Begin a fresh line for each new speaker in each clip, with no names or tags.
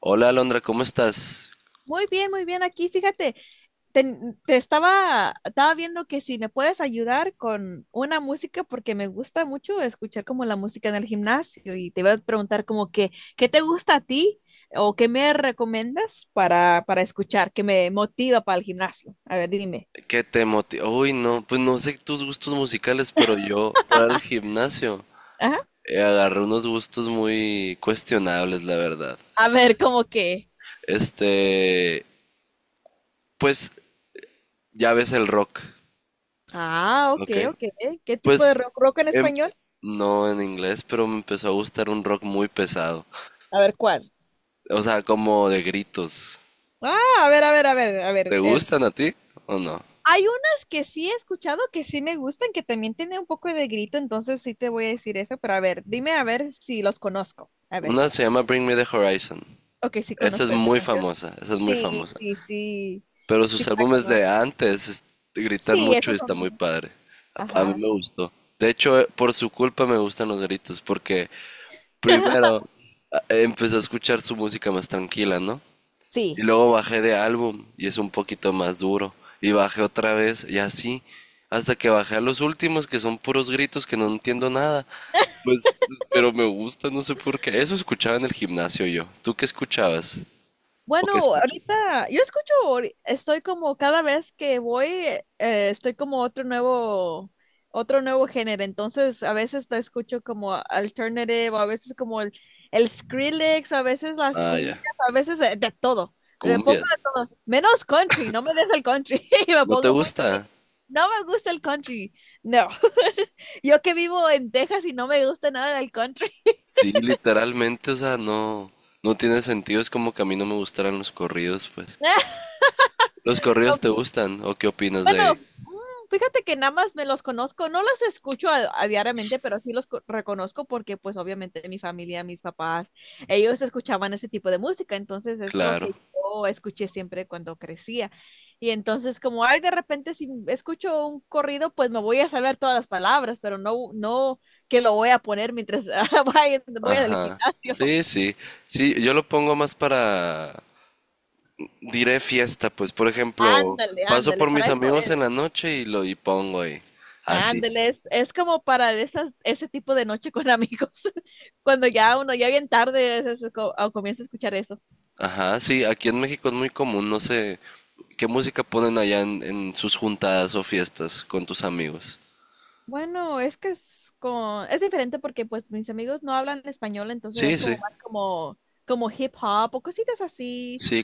Hola Alondra, ¿cómo estás?
Muy bien, muy bien. Aquí, fíjate, estaba viendo que si me puedes ayudar con una música, porque me gusta mucho escuchar como la música en el gimnasio y te voy a preguntar como que, ¿qué te gusta a ti o qué me recomiendas para escuchar, que me motiva para el gimnasio? A ver, dime.
¿Qué te motiva? Uy, no, pues no sé tus gustos musicales, pero yo para el gimnasio
Ajá.
agarré unos gustos muy cuestionables, la verdad.
A ver, como que.
Este, pues ya ves el rock,
Ah, ok,
¿ok?
ok. ¿Qué tipo de
Pues
rock, rock en
em-
español?
no en inglés, pero me empezó a gustar un rock muy pesado.
A ver, ¿cuál?
O sea, como de gritos.
Ah, a ver, a ver, a ver, a
¿Te
ver.
gustan a ti o no?
Hay unas que sí he escuchado que sí me gustan, que también tienen un poco de grito, entonces sí te voy a decir eso, pero a ver, dime a ver si los conozco. A ver,
Una se llama Bring Me the Horizon.
ok, sí
Esa es
conozco esa
muy
canción.
famosa, esa es muy
Sí,
famosa.
sí, sí,
Pero
sí
sus
la
álbumes de
conozco.
antes gritan
Sí,
mucho y
esos
está
son.
muy padre. A mí
Ajá.
me gustó. De hecho, por su culpa me gustan los gritos, porque primero empecé a escuchar su música más tranquila, ¿no? Y
Sí.
luego bajé de álbum y es un poquito más duro. Y bajé otra vez y así, hasta que bajé a los últimos, que son puros gritos que no entiendo nada. Pues, pero me gusta, no sé por qué. Eso escuchaba en el gimnasio yo. ¿Tú qué escuchabas? ¿O qué
Bueno,
escuchas?
ahorita yo escucho, estoy como cada vez que voy, estoy como otro nuevo género. Entonces, a veces te escucho como alternative, o a veces como el Skrillex, o a veces las
Ah, ya.
cumbias, a veces de todo. Le pongo de
Cumbias.
todo, menos country, no me deja el country. Me
¿No te
pongo muy
gusta?
triste. No me gusta el country, no. Yo que vivo en Texas y no me gusta nada del country.
Sí, literalmente, o sea, no, no tiene sentido. Es como que a mí no me gustaran los corridos, pues. ¿Los corridos te gustan o qué opinas de
Bueno,
ellos?
fíjate que nada más me los conozco, no los escucho a diariamente, pero sí los reconozco porque pues obviamente mi familia, mis papás, ellos escuchaban ese tipo de música, entonces es lo
Claro.
que yo escuché siempre cuando crecía. Y entonces como, ay, de repente si escucho un corrido, pues me voy a saber todas las palabras, pero no que lo voy a poner mientras voy al
Ajá.
gimnasio.
Sí, sí. Sí, yo lo pongo más para, diré fiesta, pues, por ejemplo,
Ándale,
paso
ándale,
por mis
para eso
amigos
es.
en la noche y pongo ahí. Así.
Ándale, es como para de esas, ese tipo de noche con amigos, cuando ya uno ya bien tarde es co- o comienza a escuchar eso.
Ajá, sí, aquí en México es muy común, no sé, ¿qué música ponen allá en sus juntadas o fiestas con tus amigos?
Bueno, es que es diferente porque pues mis amigos no hablan español, entonces es
Sí,
como
sí.
más como, como hip hop o cositas así.
Sí,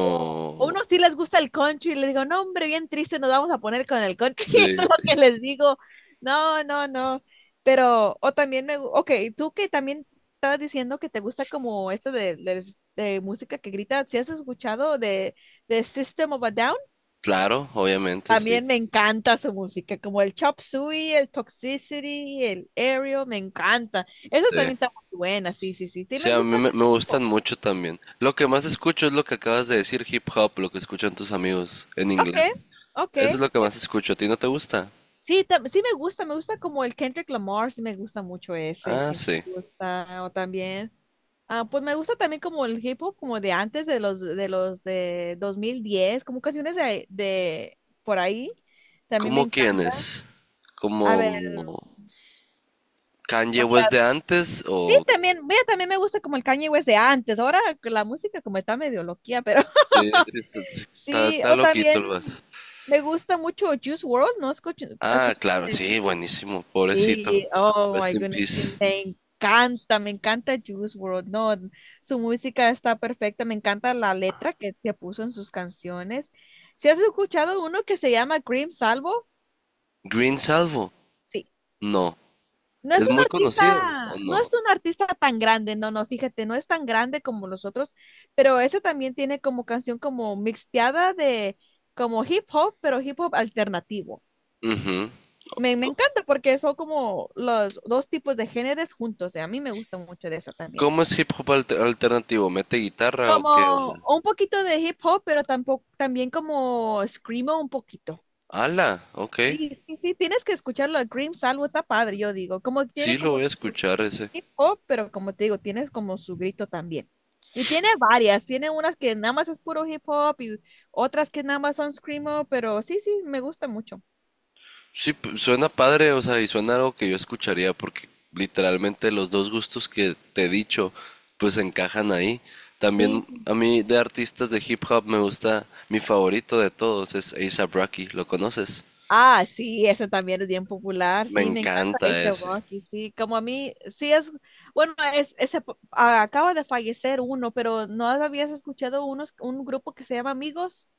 O unos sí les gusta el country y les digo, no, hombre, bien triste, nos vamos a poner con el country. Eso es
Sí,
lo que les digo. No, no, no. Pero, o también ok, tú que también estabas diciendo que te gusta como esto de música que grita, ¿si has escuchado de System of a Down?
claro, obviamente, sí.
También me encanta su música, como el Chop Suey, el Toxicity, el Aerial, me encanta. Eso
Sí.
también está muy buena, sí, sí, sí. Sí,
Sí,
me
a
gusta
mí
de
me
este
gustan
tipo.
mucho también. Lo que más escucho es lo que acabas de decir, hip hop, lo que escuchan tus amigos en
Ok,
inglés.
ok.
Eso es lo que más escucho. ¿A ti no te gusta?
Sí, sí me gusta como el Kendrick Lamar, sí me gusta mucho ese,
Ah,
sí
sí.
me gusta o también. Ah, pues me gusta también como el hip hop como de antes de los de 2010, como canciones de por ahí. También me
¿Cómo
encanta.
quiénes?
A
¿Como
ver, o
Kanye West de
sea,
antes
sí
o?
también, mira, también me gusta como el Kanye West de antes. Ahora la música como está medio loquía, pero
Sí, sí, está, sí, está,
sí,
está
o
loquito el
también
vato.
me gusta mucho Juice WRLD, ¿no?
Ah,
Escucho.
claro, sí, buenísimo, pobrecito.
Sí, oh
Rest
my
in
goodness, sí,
peace.
me encanta Juice World, no, su música está perfecta, me encanta la letra se puso en sus canciones. ¿Si has escuchado uno que se llama Cream Salvo?
¿Green Salvo?
Sí,
No.
no es
¿Es
un
muy conocido o
artista, no es
no?
un artista tan grande, no, no, fíjate, no es tan grande como los otros, pero ese también tiene como canción como mixteada de como hip hop, pero hip hop alternativo.
Ujú.
Me encanta porque son como los dos tipos de géneros juntos. Y a mí me gusta mucho de eso también.
¿Cómo es hip hop alternativo? ¿Mete guitarra o qué
Como
onda?
un poquito de hip hop, pero tampoco, también como screamo un poquito.
¡Hala! Ok.
Sí, sí, sí, tienes que escucharlo a Cream Salvo, está padre, yo digo. Como
Sí,
tiene
lo
como
voy a escuchar ese.
hip hop, pero como te digo, tienes como su grito también. Y tiene varias, tiene unas que nada más es puro hip hop y otras que nada más son screamo, pero sí, sí, me gusta mucho.
Sí, suena padre, o sea, y suena algo que yo escucharía porque literalmente los dos gustos que te he dicho pues encajan ahí.
Sí.
También a mí de artistas de hip hop me gusta, mi favorito de todos es A$AP Rocky, ¿lo conoces?
Ah, sí, ese también es bien popular,
Me
sí, me encanta
encanta
ese
ese.
Rocky, sí, como a mí, sí es, bueno, es, ese, acaba de fallecer uno, pero ¿no habías escuchado unos, un grupo que se llama Amigos?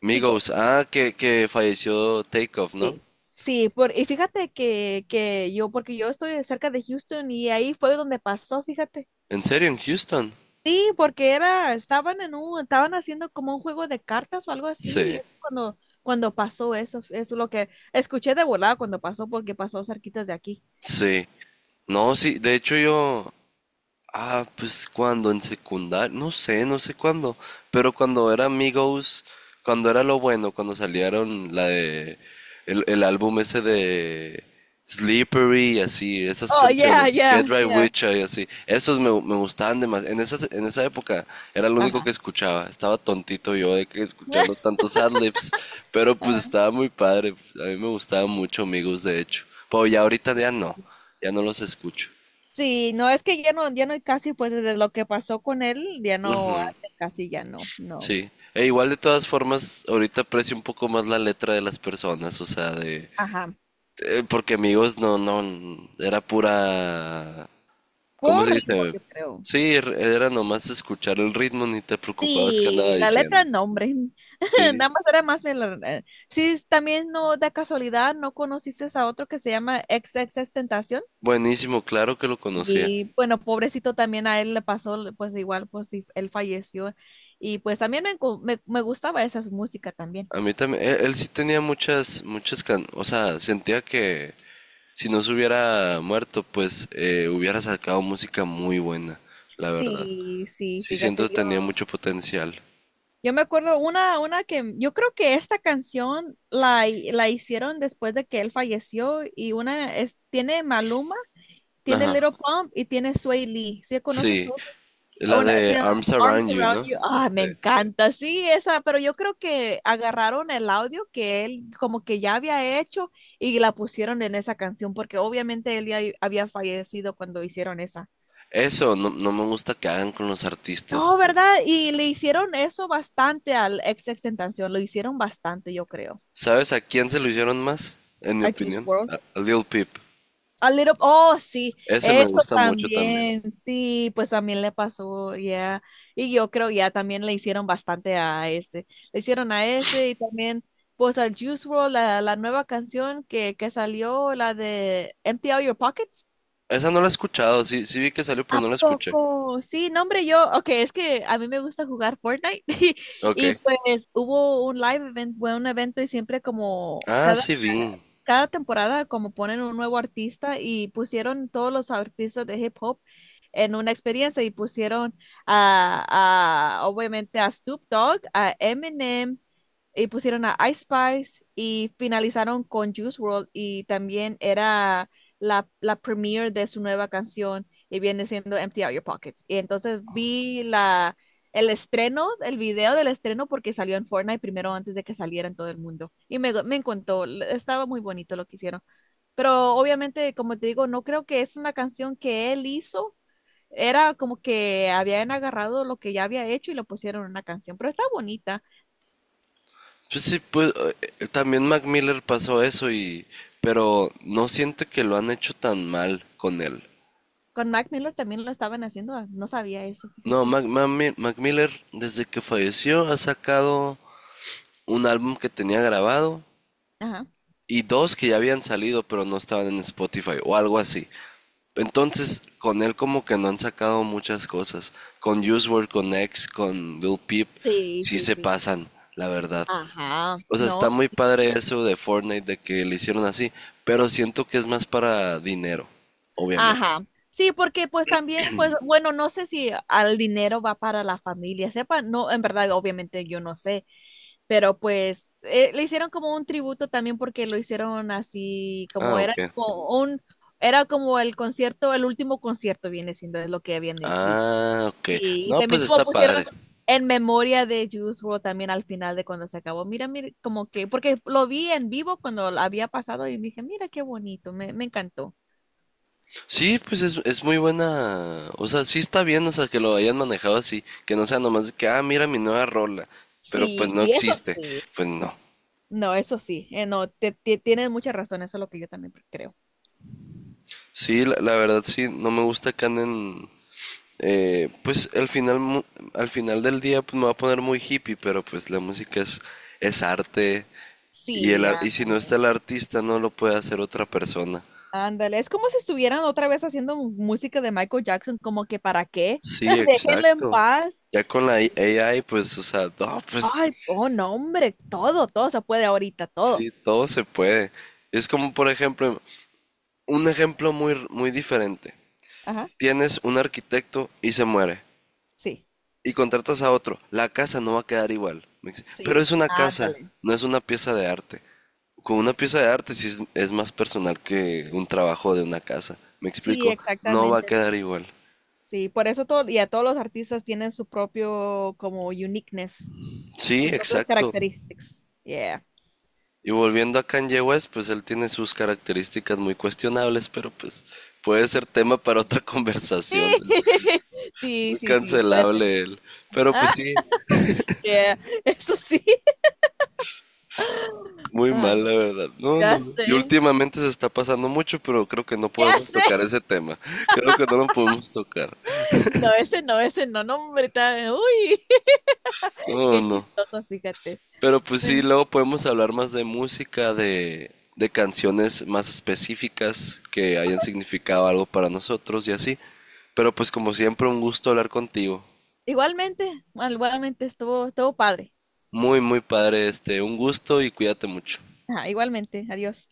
Migos,
Migos,
ah, que falleció Takeoff, ¿no?
sí. Sí, por, y fíjate que yo, porque yo estoy cerca de Houston y ahí fue donde pasó, fíjate.
¿En serio, en Houston?
Sí, porque era, estaban en un, estaban haciendo como un juego de cartas o algo así, y
Sí,
es cuando pasó eso, eso es lo que escuché de volada cuando pasó, porque pasó cerquitas de aquí.
sí. No, sí, de hecho yo, ah, pues cuando en secundaria, no sé cuándo, pero cuando era Amigos, cuando era lo bueno, cuando salieron la de el álbum ese de Slippery y así, esas
Oh, yeah,
canciones, Get
yeah,
Right
yeah.
With Ya y así, esos me gustaban demasiado. En esa época era lo único que
Ajá.
escuchaba, estaba tontito yo de que escuchando tantos adlibs, pero pues
Ajá.
estaba muy padre, a mí me gustaban mucho Amigos de hecho, pero ya ahorita ya no los escucho.
Sí, no es que ya no, ya no hay casi, pues desde lo que pasó con él, ya no
Ujú.
hace casi, ya no, no.
Sí. E igual de todas formas, ahorita aprecio un poco más la letra de las personas, o sea, de.
Ajá.
Porque amigos no, no, era pura. ¿Cómo
Por
se
ritmo,
dice?
yo creo.
Sí, era nomás escuchar el ritmo, ni te preocupabas que andaba
Sí, la letra
diciendo.
no, hombre.
Sí,
Nada más era más. Sí, también no, de casualidad, ¿no conociste a otro que se llama ex Tentación?
buenísimo, claro que lo conocía.
Y bueno, pobrecito también a él le pasó, pues igual, pues sí, él falleció. Y pues también me gustaba esa música también.
A mí también, él sí tenía muchas. O sea, sentía que si no se hubiera muerto, pues hubiera sacado música muy buena, la verdad.
Sí, sí,
Sí siento
fíjate,
que tenía
yo,
mucho potencial.
yo me acuerdo una que yo creo que esta canción la hicieron después de que él falleció y una es, tiene Maluma, tiene
Ajá,
Little Pump y tiene Sway Lee. ¿Sí conoces
sí.
tú?
La
Una, se
de
llama
Arms
Arms
Around You,
Around
¿no?
You. Ah, me
Sí.
encanta, sí, esa, pero yo creo que agarraron el audio que él como que ya había hecho y la pusieron en esa canción porque obviamente él ya había fallecido cuando hicieron esa.
Eso no, no me gusta que hagan con los
No,
artistas.
¿verdad? Y le hicieron eso bastante al ex extentación, lo hicieron bastante, yo creo.
¿Sabes a quién se lo hicieron más? En mi
A Juice
opinión,
World,
a Lil Peep.
a little, oh, sí,
Ese me
eso
gusta mucho también.
también, sí, pues también le pasó, ya. Y yo creo ya también le hicieron bastante a ese. Le hicieron a ese y también, pues al Juice World la nueva canción que salió, la de Empty Out Your Pockets.
Esa no la he escuchado, sí, sí vi que salió, pero
¿A
no la escuché.
poco? Sí, no, hombre, yo, ok, es que a mí me gusta jugar Fortnite
Ok.
y pues hubo un live event, fue un evento y siempre como
Ah, sí vi.
cada temporada como ponen un nuevo artista y pusieron todos los artistas de hip hop en una experiencia y pusieron obviamente a Snoop Dogg, a Eminem y pusieron a Ice Spice y finalizaron con Juice World y también era la premiere de su nueva canción y viene siendo Empty Out Your Pockets. Y entonces vi el estreno, el video del estreno, porque salió en Fortnite primero antes de que saliera en todo el mundo. Y me encantó, estaba muy bonito lo que hicieron. Pero obviamente, como te digo, no creo que es una canción que él hizo. Era como que habían agarrado lo que ya había hecho y lo pusieron en una canción, pero está bonita.
Pues sí, pues también Mac Miller pasó eso y. Pero no siento que lo han hecho tan mal con él.
Con Mac Miller también lo estaban haciendo, ah, no sabía eso,
No,
fíjate.
Mac Miller desde que falleció ha sacado un álbum que tenía grabado
Ajá.
y dos que ya habían salido pero no estaban en Spotify o algo así. Entonces, con él como que no han sacado muchas cosas. Con Use World, con X, con Lil Peep,
Sí,
sí
sí,
se
sí.
pasan, la verdad.
Ajá.
O sea, está
No.
muy padre eso de Fortnite, de que le hicieron así, pero siento que es más para dinero, obviamente.
Ajá. Sí, porque pues también, pues bueno, no sé si al dinero va para la familia, sepa, no, en verdad, obviamente yo no sé, pero pues le hicieron como un tributo también porque lo hicieron así,
Ah,
como era
ok.
como un, era como el concierto, el último concierto viene siendo, es lo que habían dicho.
Ah, ok.
Sí, y
No, pues
también como
está
pusieron
padre.
en memoria de Juice WRLD también al final de cuando se acabó, mira, mira, como que, porque lo vi en vivo cuando había pasado y dije, mira qué bonito, me encantó.
Sí, pues es muy buena. O sea, sí está bien, o sea, que lo hayan manejado así. Que no sea nomás de que, ah, mira mi nueva rola. Pero pues
Sí,
no
sí, eso
existe.
sí.
Pues no.
No, eso sí. No, tienes mucha razón, eso es lo que yo también creo.
Sí, la verdad sí, no me gusta que anden. Pues al final, al final del día pues, me va a poner muy hippie, pero pues la música es arte. Y, el,
Sí,
ar- y si no está
ándale.
el artista, no lo puede hacer otra persona.
Ándale, es como si estuvieran otra vez haciendo música de Michael Jackson, como que ¿para qué?
Sí,
Déjenlo en
exacto.
paz.
Ya con la AI, pues, o sea, no, pues
Ay, oh, no, hombre, todo, todo se puede ahorita, todo.
sí, todo se puede. Es como, por ejemplo, un ejemplo muy, muy diferente.
Ajá,
Tienes un arquitecto y se muere.
sí,
Y contratas a otro. La casa no va a quedar igual. Me dice, pero
sí,
es una casa,
ándale.
no es una pieza de arte. Con una pieza de arte sí es más personal que un trabajo de una casa. Me
Sí,
explico, no va a
exactamente.
quedar igual.
Sí, por eso todo, y a todos los artistas tienen su propio como uniqueness,
Sí,
su propio
exacto.
characteristics. Yeah.
Y volviendo a Kanye West, pues él tiene sus características muy cuestionables, pero pues puede ser tema para otra conversación.
Sí, sí,
Muy
sí, sí, parece.
cancelable él. Pero pues
Ah,
sí,
yeah, eso sí.
muy
Ay,
mal, la verdad. No,
ya
no. Y
sé,
últimamente se está pasando mucho, pero creo que no
ya
podemos tocar
sé.
ese tema. Creo que no lo podemos tocar.
No, ese no, ese no, no, hombre, está- uy,
No,
qué
no.
chistoso, fíjate.
Pero pues sí,
Bueno,
luego podemos hablar más de música, de canciones más específicas que hayan significado algo para nosotros y así. Pero pues como siempre, un gusto hablar contigo.
igualmente, igualmente estuvo padre.
Muy, muy padre este. Un gusto y cuídate mucho.
Ajá, igualmente, adiós.